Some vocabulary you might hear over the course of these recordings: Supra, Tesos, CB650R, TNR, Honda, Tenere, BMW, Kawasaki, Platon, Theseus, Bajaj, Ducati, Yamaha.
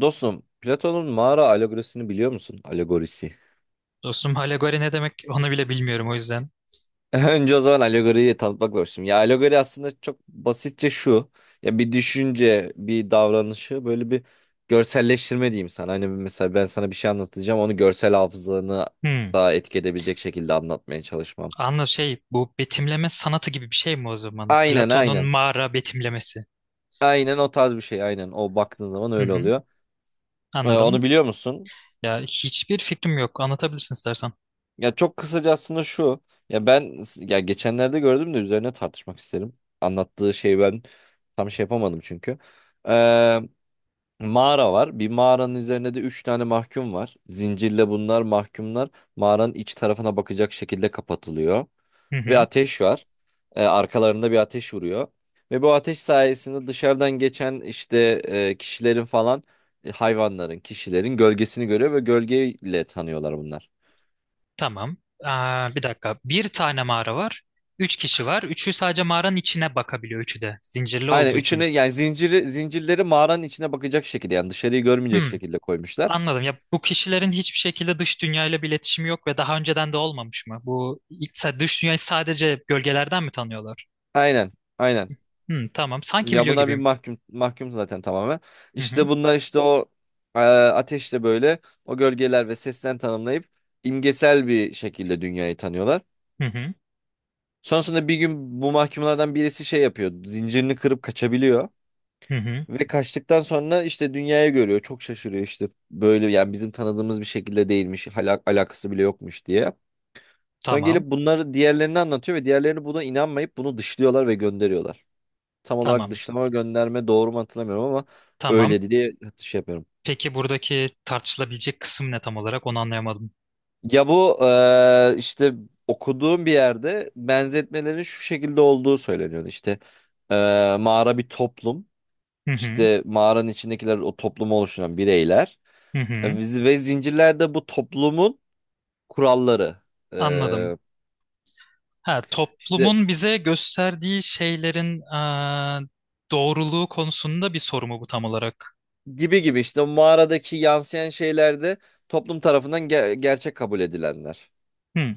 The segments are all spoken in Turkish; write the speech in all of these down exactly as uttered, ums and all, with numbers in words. Dostum, Platon'un mağara alegorisini biliyor musun? Alegorisi. Dostum alegori ne demek onu bile bilmiyorum o yüzden. Önce o zaman alegoriyi tanıtmak başlayayım. Ya alegori aslında çok basitçe şu. Ya bir düşünce, bir davranışı böyle bir görselleştirme diyeyim sana. Hani mesela ben sana bir şey anlatacağım. Onu görsel hafızanı Hmm. daha etki edebilecek şekilde anlatmaya çalışmam. Anla şey, bu betimleme sanatı gibi bir şey mi o zaman? Aynen Platon'un aynen. mağara betimlemesi. Aynen o tarz bir şey aynen. O baktığın zaman Hı öyle hı. oluyor. Ee, Anladım. onu biliyor musun? Ya hiçbir fikrim yok. Anlatabilirsin istersen. Ya çok kısaca aslında şu. Ya ben ya geçenlerde gördüm de üzerine tartışmak isterim. Anlattığı şey ben tam şey yapamadım çünkü. Ee, mağara var. Bir mağaranın üzerinde de üç tane mahkum var. Zincirle bunlar mahkumlar mağaranın iç tarafına bakacak şekilde kapatılıyor. Hı Ve hı. ateş var. Ee, arkalarında bir ateş vuruyor. Ve bu ateş sayesinde dışarıdan geçen işte e, kişilerin falan e, hayvanların, kişilerin gölgesini görüyor ve gölgeyle tanıyorlar bunlar. Tamam. Aa, bir dakika. Bir tane mağara var. Üç kişi var. Üçü sadece mağaranın içine bakabiliyor. Üçü de. Zincirli Aynen olduğu üçünü için. yani zinciri zincirleri mağaranın içine bakacak şekilde yani dışarıyı görmeyecek Hmm. şekilde koymuşlar. Anladım. Ya bu kişilerin hiçbir şekilde dış dünyayla bir iletişimi yok ve daha önceden de olmamış mı? Bu ilk- dış dünyayı sadece gölgelerden mi tanıyorlar? Aynen. Aynen. Hı, tamam. Sanki Ya biliyor bunlar bir gibiyim. mahkum mahkum zaten tamamen. Hı hı. İşte bunlar işte o e, ateşle böyle o gölgeler ve sesten tanımlayıp imgesel bir şekilde dünyayı tanıyorlar. Hı hı. Sonrasında bir gün bu mahkumlardan birisi şey yapıyor. Zincirini kırıp kaçabiliyor. Hı hı. Ve kaçtıktan sonra işte dünyayı görüyor. Çok şaşırıyor işte böyle yani bizim tanıdığımız bir şekilde değilmiş. Hala alakası bile yokmuş diye. Sonra gelip Tamam. bunları diğerlerine anlatıyor ve diğerlerini buna inanmayıp bunu dışlıyorlar ve gönderiyorlar. Tam olarak Tamam. dışlama ve gönderme doğru mu hatırlamıyorum ama Tamam. öyleydi diye şey yapıyorum. Peki buradaki tartışılabilecek kısım ne tam olarak? Onu anlayamadım. Ya bu eee, işte okuduğum bir yerde benzetmelerin şu şekilde olduğu söyleniyordu. İşte eee, mağara bir toplum. Hı hı. İşte mağaranın içindekiler o toplumu oluşturan bireyler. Hı hı. E, biz- Ve zincirlerde bu toplumun kuralları. Anladım. Eee Ha, işte toplumun bize gösterdiği şeylerin eee, doğruluğu konusunda bir soru mu bu tam olarak? gibi gibi işte o mağaradaki yansıyan şeylerde toplum tarafından ge- gerçek kabul edilenler. Hı.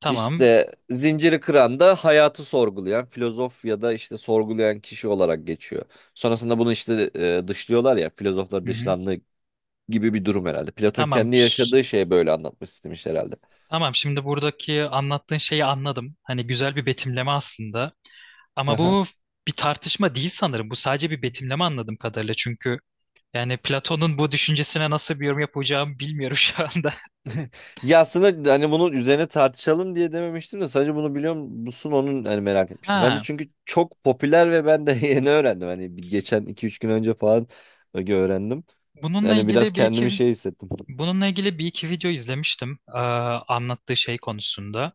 Tamam. İşte zinciri kıran da hayatı sorgulayan filozof ya da işte sorgulayan kişi olarak geçiyor. Sonrasında bunu işte e, dışlıyorlar ya filozoflar Hı hı. dışlandığı gibi bir durum herhalde. Platon Tamam. kendi Ş- yaşadığı şeyi böyle anlatmış istemiş herhalde. Tamam. Şimdi buradaki anlattığın şeyi anladım. Hani güzel bir betimleme aslında. Ama bu bir tartışma değil sanırım. Bu sadece bir betimleme anladığım kadarıyla. Çünkü yani Platon'un bu düşüncesine nasıl bir yorum yapacağımı bilmiyorum şu anda. Ya aslında hani bunun üzerine tartışalım diye dememiştim de sadece bunu biliyor musun onun hani merak etmiştim. Ben de Ha, çünkü çok popüler ve ben de yeni öğrendim. Hani bir- geçen iki üç gün önce falan öğrendim. bununla Yani biraz ilgili bir kendimi iki şey hissettim. bununla ilgili bir iki video izlemiştim, eee, anlattığı şey konusunda.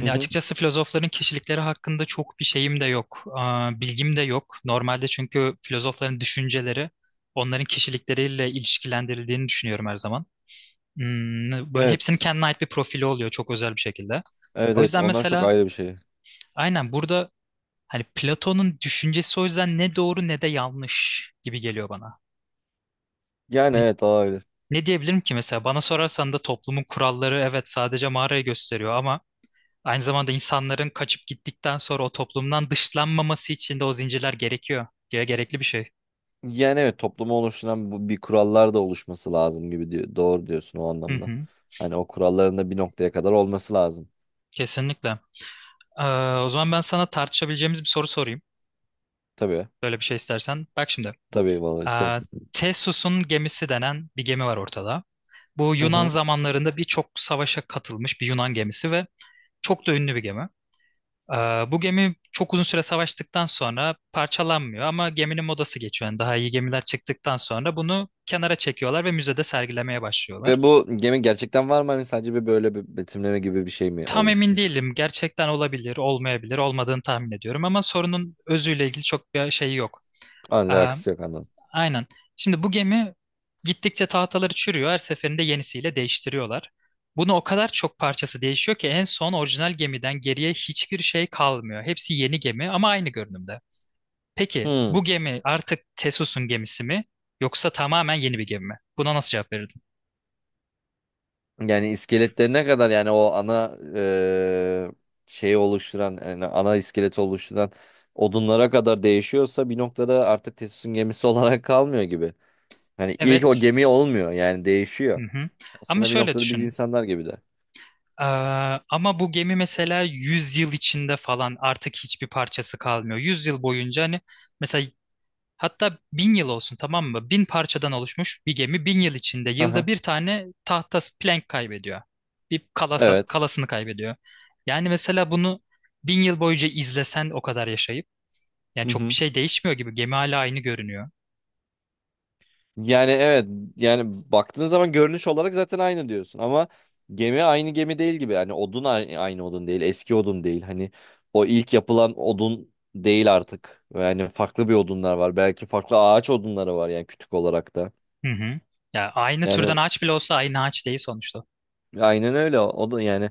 Hı hı. açıkçası filozofların kişilikleri hakkında çok bir şeyim de yok, eee, bilgim de yok. Normalde çünkü filozofların düşünceleri onların kişilikleriyle ilişkilendirildiğini düşünüyorum her zaman. Hmm, böyle hepsinin Evet. kendine ait bir profili oluyor çok özel bir şekilde. Evet, O evet, yüzden onlar çok mesela, ayrı bir şey. aynen burada, hani Platon'un düşüncesi o yüzden ne doğru ne de yanlış gibi geliyor bana. Yani Hani evet ayrı. ne diyebilirim ki mesela, bana sorarsan da toplumun kuralları evet sadece mağarayı gösteriyor ama aynı zamanda insanların kaçıp gittikten sonra o toplumdan dışlanmaması için de o zincirler gerekiyor. Ge- Gerekli bir şey. Yani evet toplumu oluşturan bu, bir kurallar da oluşması lazım gibi diyor. Doğru diyorsun o Hı anlamda. hı, Hani o kuralların da bir noktaya kadar olması lazım. kesinlikle. Ee, o zaman ben sana tartışabileceğimiz bir soru sorayım. Tabii. Böyle bir şey istersen. Bak şimdi. Tabii vallahi isterim. Ee, Theseus'un gemisi denen bir gemi var ortada. Bu Hı Yunan hı. zamanlarında birçok savaşa katılmış bir Yunan gemisi ve çok da ünlü bir gemi. Ee, bu gemi çok uzun süre savaştıktan sonra parçalanmıyor ama geminin modası geçiyor. Yani daha iyi gemiler çıktıktan sonra bunu kenara çekiyorlar ve müzede sergilemeye başlıyorlar. Ve bu gemi gerçekten var mı? Hani sadece bir böyle bir betimleme gibi bir şey mi Tam emin olmuşmuş? değilim. Gerçekten olabilir, olmayabilir, olmadığını tahmin ediyorum ama sorunun özüyle ilgili çok bir şey yok. Ee, Anla alakası yok, anladım. aynen. Şimdi bu gemi gittikçe tahtaları çürüyor. Her seferinde yenisiyle değiştiriyorlar. Bunu o kadar çok parçası değişiyor ki en son orijinal gemiden geriye hiçbir şey kalmıyor. Hepsi yeni gemi ama aynı görünümde. Peki Hmm. bu gemi artık Tesus'un gemisi mi yoksa tamamen yeni bir gemi mi? Buna nasıl cevap verirdin? Yani iskeletleri ne kadar yani o ana eee şeyi oluşturan yani ana iskeleti oluşturan odunlara kadar değişiyorsa bir noktada artık Tesos'un gemisi olarak kalmıyor gibi. Hani ilk o Evet. gemi olmuyor yani değişiyor. Hı hı. Ama Aslında bir şöyle noktada biz düşün. insanlar gibi de. Ee, ama bu gemi mesela yüz yıl içinde falan artık hiçbir parçası kalmıyor. Yüz yıl boyunca, hani mesela hatta bin yıl olsun, tamam mı? Bin parçadan oluşmuş bir gemi bin yıl içinde Hı hı. yılda bir tane tahta plank kaybediyor. Bir kalasa, Evet. Kalasını kaybediyor. Yani mesela bunu bin yıl boyunca izlesen o kadar yaşayıp, yani çok bir şey değişmiyor gibi. Gemi hala aynı görünüyor. Yani evet yani baktığın zaman görünüş olarak zaten aynı diyorsun ama gemi aynı gemi değil gibi yani odun ay- aynı odun değil eski odun değil hani o ilk yapılan odun değil artık yani farklı bir odunlar var belki farklı ağaç odunları var yani kütük olarak da Hı hı. Ya aynı türden yani ağaç bile olsa aynı ağaç değil sonuçta. aynen öyle o da yani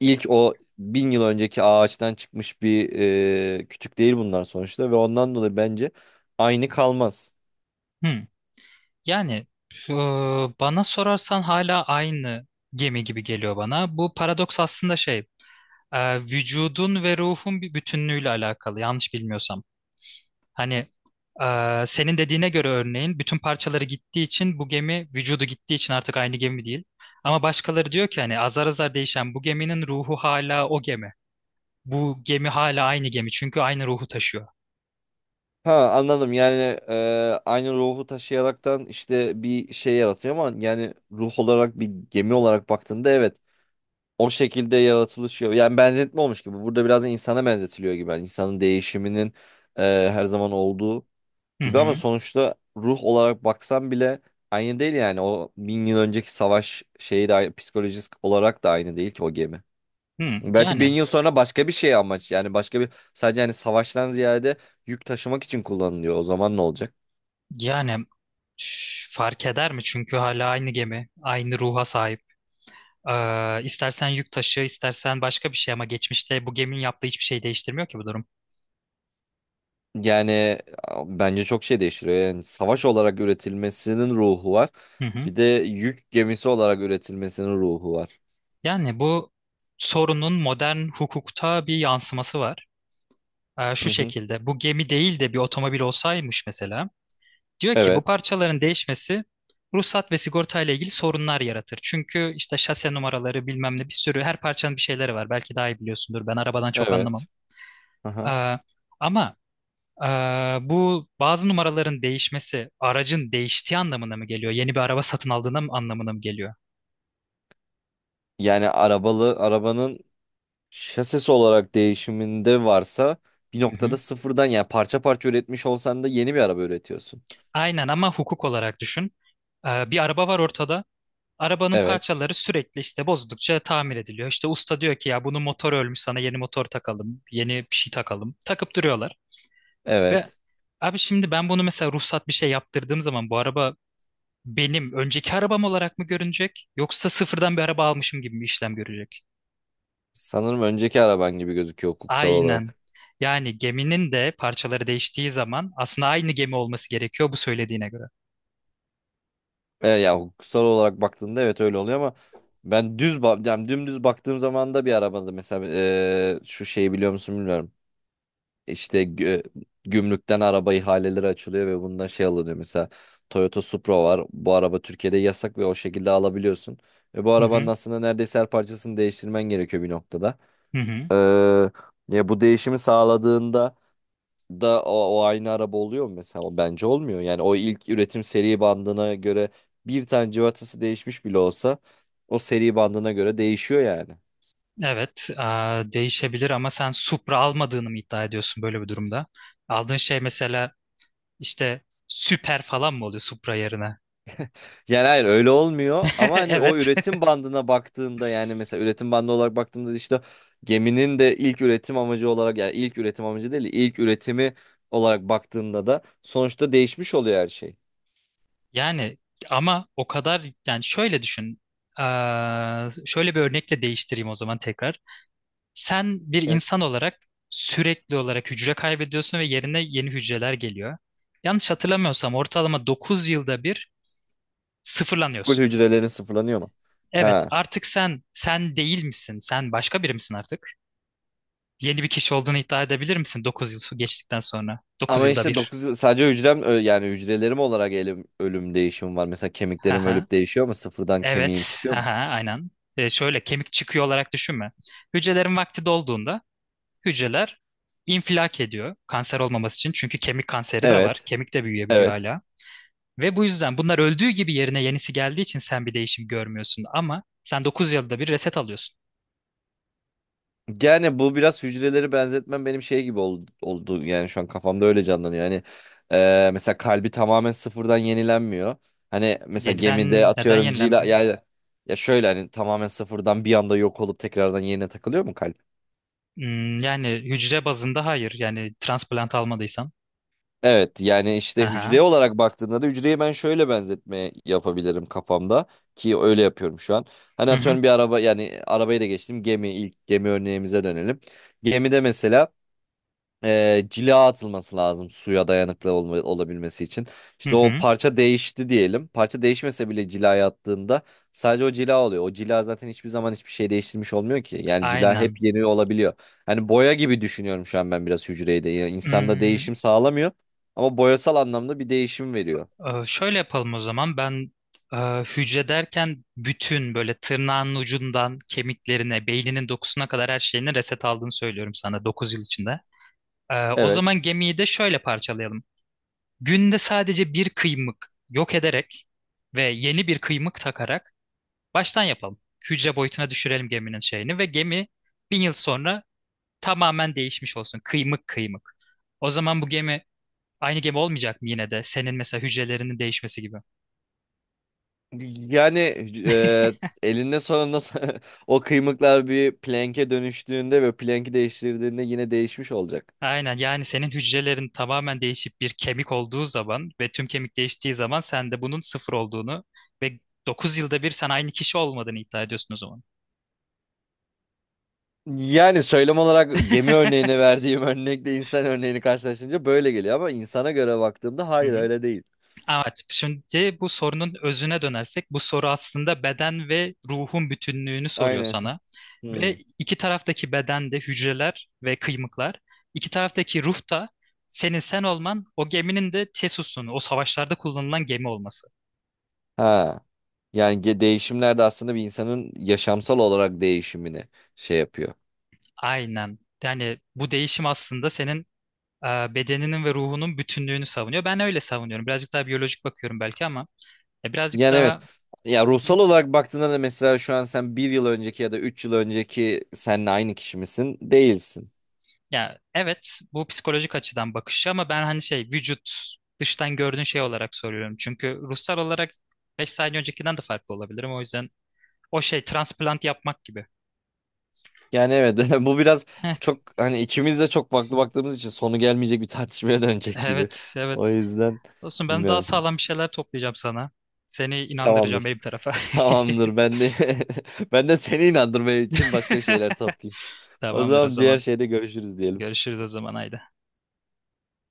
ilk o bin yıl önceki ağaçtan çıkmış bir e, kütük değil bunlar sonuçta ve ondan dolayı bence aynı kalmaz. Hı. Yani e, bana sorarsan hala aynı gemi gibi geliyor bana. Bu paradoks aslında şey, e, vücudun ve ruhun bir bütünlüğüyle alakalı yanlış bilmiyorsam. Hani e, senin dediğine göre örneğin bütün parçaları gittiği için bu gemi vücudu gittiği için artık aynı gemi değil. Ama başkaları diyor ki hani azar azar değişen bu geminin ruhu hala o gemi. Bu gemi hala aynı gemi çünkü aynı ruhu taşıyor. Ha anladım yani e, aynı ruhu taşıyaraktan işte bir şey yaratıyor ama yani ruh olarak bir gemi olarak baktığında evet o şekilde yaratılışıyor. Yani benzetme olmuş gibi burada biraz da insana benzetiliyor gibi yani insanın değişiminin e, her zaman olduğu Hı gibi ama hı. sonuçta ruh olarak baksan bile aynı değil yani o bin yıl önceki savaş şeyi de aynı- psikolojik olarak da aynı değil ki o gemi. Hı. Belki bin Yani yıl sonra başka bir şey amaç yani başka bir sadece hani savaştan ziyade yük taşımak için kullanılıyor. O zaman ne olacak? yani ş- fark eder mi? Çünkü hala aynı gemi, aynı ruha sahip. Ee, istersen yük taşı, istersen başka bir şey, ama geçmişte bu geminin yaptığı hiçbir şey değiştirmiyor ki bu durum. Yani a- bence çok şey değiştiriyor. Yani savaş olarak üretilmesinin ruhu var. Hı hı. Bir de yük gemisi olarak üretilmesinin ruhu var. Yani bu sorunun modern hukukta bir yansıması var. Ee, Hı şu hı. şekilde bu gemi değil de bir otomobil olsaymış mesela. Diyor ki bu Evet. parçaların değişmesi ruhsat ve sigorta ile ilgili sorunlar yaratır. Çünkü işte şase numaraları bilmem ne, bir sürü her parçanın bir şeyleri var. Belki daha iyi biliyorsundur. Ben arabadan çok anlamam. Evet. Aha. Ee, ama ee, bu bazı numaraların değişmesi aracın değiştiği anlamına mı geliyor? Yeni bir araba satın aldığına mı, anlamına mı geliyor? Yani arabalı arabanın şasisi olarak değişiminde varsa bir Hı noktada hı. sıfırdan yani parça parça üretmiş olsan da yeni bir araba üretiyorsun. Aynen ama hukuk olarak düşün. Ee, bir araba var ortada. Arabanın Evet. parçaları sürekli işte bozdukça tamir ediliyor. İşte usta diyor ki ya bunun motoru ölmüş, sana yeni motor takalım, yeni bir şey takalım. Takıp duruyorlar. Ve Evet. abi şimdi ben bunu mesela ruhsat bir şey yaptırdığım zaman bu araba benim önceki arabam olarak mı görünecek yoksa sıfırdan bir araba almışım gibi mi işlem görecek? Sanırım önceki araban gibi gözüküyor hukuksal Aynen. olarak. Yani geminin de parçaları değiştiği zaman aslında aynı gemi olması gerekiyor bu söylediğine göre. E, ya hukuksal olarak baktığında evet öyle oluyor ama ben düz ba- yani dümdüz baktığım zaman da bir arabada mesela e, şu şeyi biliyor musun bilmiyorum. İşte gü- gümrükten araba ihaleleri açılıyor ve bundan şey alınıyor. Mesela Toyota Supra var. Bu araba Türkiye'de yasak ve o şekilde alabiliyorsun. Ve bu Hı arabanın hı. aslında neredeyse her parçasını değiştirmen gerekiyor bir noktada. Hı hı. Ee, ya bu değişimi sağladığında da o, o aynı araba oluyor mu mesela? O bence olmuyor. Yani o ilk üretim seri bandına göre bir tane civatası değişmiş bile olsa o seri bandına göre değişiyor yani. Evet, eee, değişebilir ama sen Supra almadığını mı iddia ediyorsun böyle bir durumda? Aldığın şey mesela işte süper falan mı oluyor Supra yerine? Yani hayır öyle olmuyor ama hani o Evet. üretim bandına baktığında yani mesela üretim bandı olarak baktığımda işte geminin de ilk üretim amacı olarak yani ilk üretim amacı değil de ilk üretimi olarak baktığında da sonuçta değişmiş oluyor her şey. Yani, ama o kadar, yani şöyle düşün. Eee, şöyle bir örnekle değiştireyim o zaman tekrar. Sen bir Evet. insan olarak sürekli olarak hücre kaybediyorsun ve yerine yeni hücreler geliyor. Yanlış hatırlamıyorsam ortalama dokuz yılda bir Full sıfırlanıyorsun. hücrelerin sıfırlanıyor mu? Evet, Ha. artık sen sen değil misin? Sen başka biri misin artık? Yeni bir kişi olduğunu iddia edebilir misin Dokuz yıl geçtikten sonra? dokuz Ama yılda işte bir. dokuz sadece hücrem ö- yani hücrelerim olarak elim, ölüm değişimi var. Mesela kemiklerim Haha. ölüp değişiyor mu? Sıfırdan kemiğim Evet. çıkıyor mu? Haha, aynen. E, şöyle kemik çıkıyor olarak düşünme. Hücrelerin vakti dolduğunda hücreler infilak ediyor, kanser olmaması için. Çünkü kemik kanseri de var. Evet. Kemik de büyüyebiliyor Evet. hala. Ve bu yüzden bunlar öldüğü gibi yerine yenisi geldiği için sen bir değişim görmüyorsun. Ama sen dokuz yılda bir reset alıyorsun. Yani bu biraz hücreleri benzetmem benim şey gibi ol- oldu. Yani şu an kafamda öyle canlanıyor. Hani e, mesela kalbi tamamen sıfırdan yenilenmiyor. Hani mesela gemide Yenilen neden atıyorum cila yenilenmiyor? yani ya şöyle hani tamamen sıfırdan bir anda yok olup tekrardan yerine takılıyor mu kalp? Hmm, yani hücre bazında hayır. Yani transplant almadıysan. Evet yani işte hücre Haha. olarak baktığında da hücreyi ben şöyle benzetme yapabilirim kafamda ki öyle yapıyorum şu an. Hani Hı hı. atıyorum bir araba yani arabayı da geçtim gemi ilk gemi örneğimize dönelim. Gemide mesela e, cila atılması lazım suya dayanıklı olma- olabilmesi için. Hı İşte hı. o Hı. parça değişti diyelim. Parça değişmese bile cilaya attığında sadece o cila oluyor. O cila zaten hiçbir zaman hiçbir şey değiştirmiş olmuyor ki. Yani cila hep Aynen. yeni olabiliyor. Hani boya gibi düşünüyorum şu an ben biraz hücreyi de. Yani insanda Hmm, değişim sağlamıyor ama boyasal anlamda bir değişim veriyor. e, şöyle yapalım o zaman. Ben e, hücre derken bütün böyle tırnağın ucundan kemiklerine, beyninin dokusuna kadar her şeyini reset aldığını söylüyorum sana, Dokuz yıl içinde. E, o Evet. zaman gemiyi de şöyle parçalayalım. Günde sadece bir kıymık yok ederek ve yeni bir kıymık takarak baştan yapalım. Hücre boyutuna düşürelim geminin şeyini ve gemi bin yıl sonra tamamen değişmiş olsun. Kıymık kıymık. O zaman bu gemi aynı gemi olmayacak mı yine de? Senin mesela hücrelerinin değişmesi gibi. Yani e, elinde sonunda o kıymıklar bir plank'e dönüştüğünde ve plank'i değiştirdiğinde yine değişmiş olacak. Aynen, yani senin hücrelerin tamamen değişip bir kemik olduğu zaman ve tüm kemik değiştiği zaman sen de bunun sıfır olduğunu ve dokuz yılda bir sen aynı kişi olmadığını iddia ediyorsun o zaman. Yani söylem olarak gemi örneğine verdiğim örnekle insan örneğini karşılaştırınca böyle geliyor ama insana göre baktığımda Hı hayır hı. öyle değil. Evet, şimdi bu sorunun özüne dönersek, bu soru aslında beden ve ruhun bütünlüğünü soruyor Aynen. sana. Ve Hmm. iki taraftaki bedende hücreler ve kıymıklar, iki taraftaki ruh da senin sen olman, o geminin de Theseus'un, o savaşlarda kullanılan gemi olması. Ha. Yani ge- değişimler de aslında bir insanın yaşamsal olarak değişimini şey yapıyor. Aynen. Yani bu değişim aslında senin e, bedeninin ve ruhunun bütünlüğünü savunuyor. Ben öyle savunuyorum. Birazcık daha biyolojik bakıyorum belki ama e, birazcık Yani evet. daha... Ya ruhsal olarak baktığında da mesela şu an sen bir yıl önceki ya da üç yıl önceki seninle aynı kişi misin? Değilsin. Ya evet, bu psikolojik açıdan bakışı ama ben hani şey, vücut dıştan gördüğün şey olarak soruyorum. Çünkü ruhsal olarak beş saniye öncekinden de farklı olabilirim. O yüzden o şey transplant yapmak gibi. Yani evet bu biraz çok hani ikimiz de çok farklı baktığımız için sonu gelmeyecek bir tartışmaya Evet, dönecek gibi. evet. O Evet. yüzden Olsun, ben daha bilmiyorum. sağlam bir şeyler toplayacağım sana. Seni inandıracağım Tamamdır. benim tarafa. Tamamdır ben de ben de seni inandırmaya için başka şeyler toplayayım. O Tamamdır o zaman diğer zaman. şeyde görüşürüz diyelim. Görüşürüz o zaman, haydi.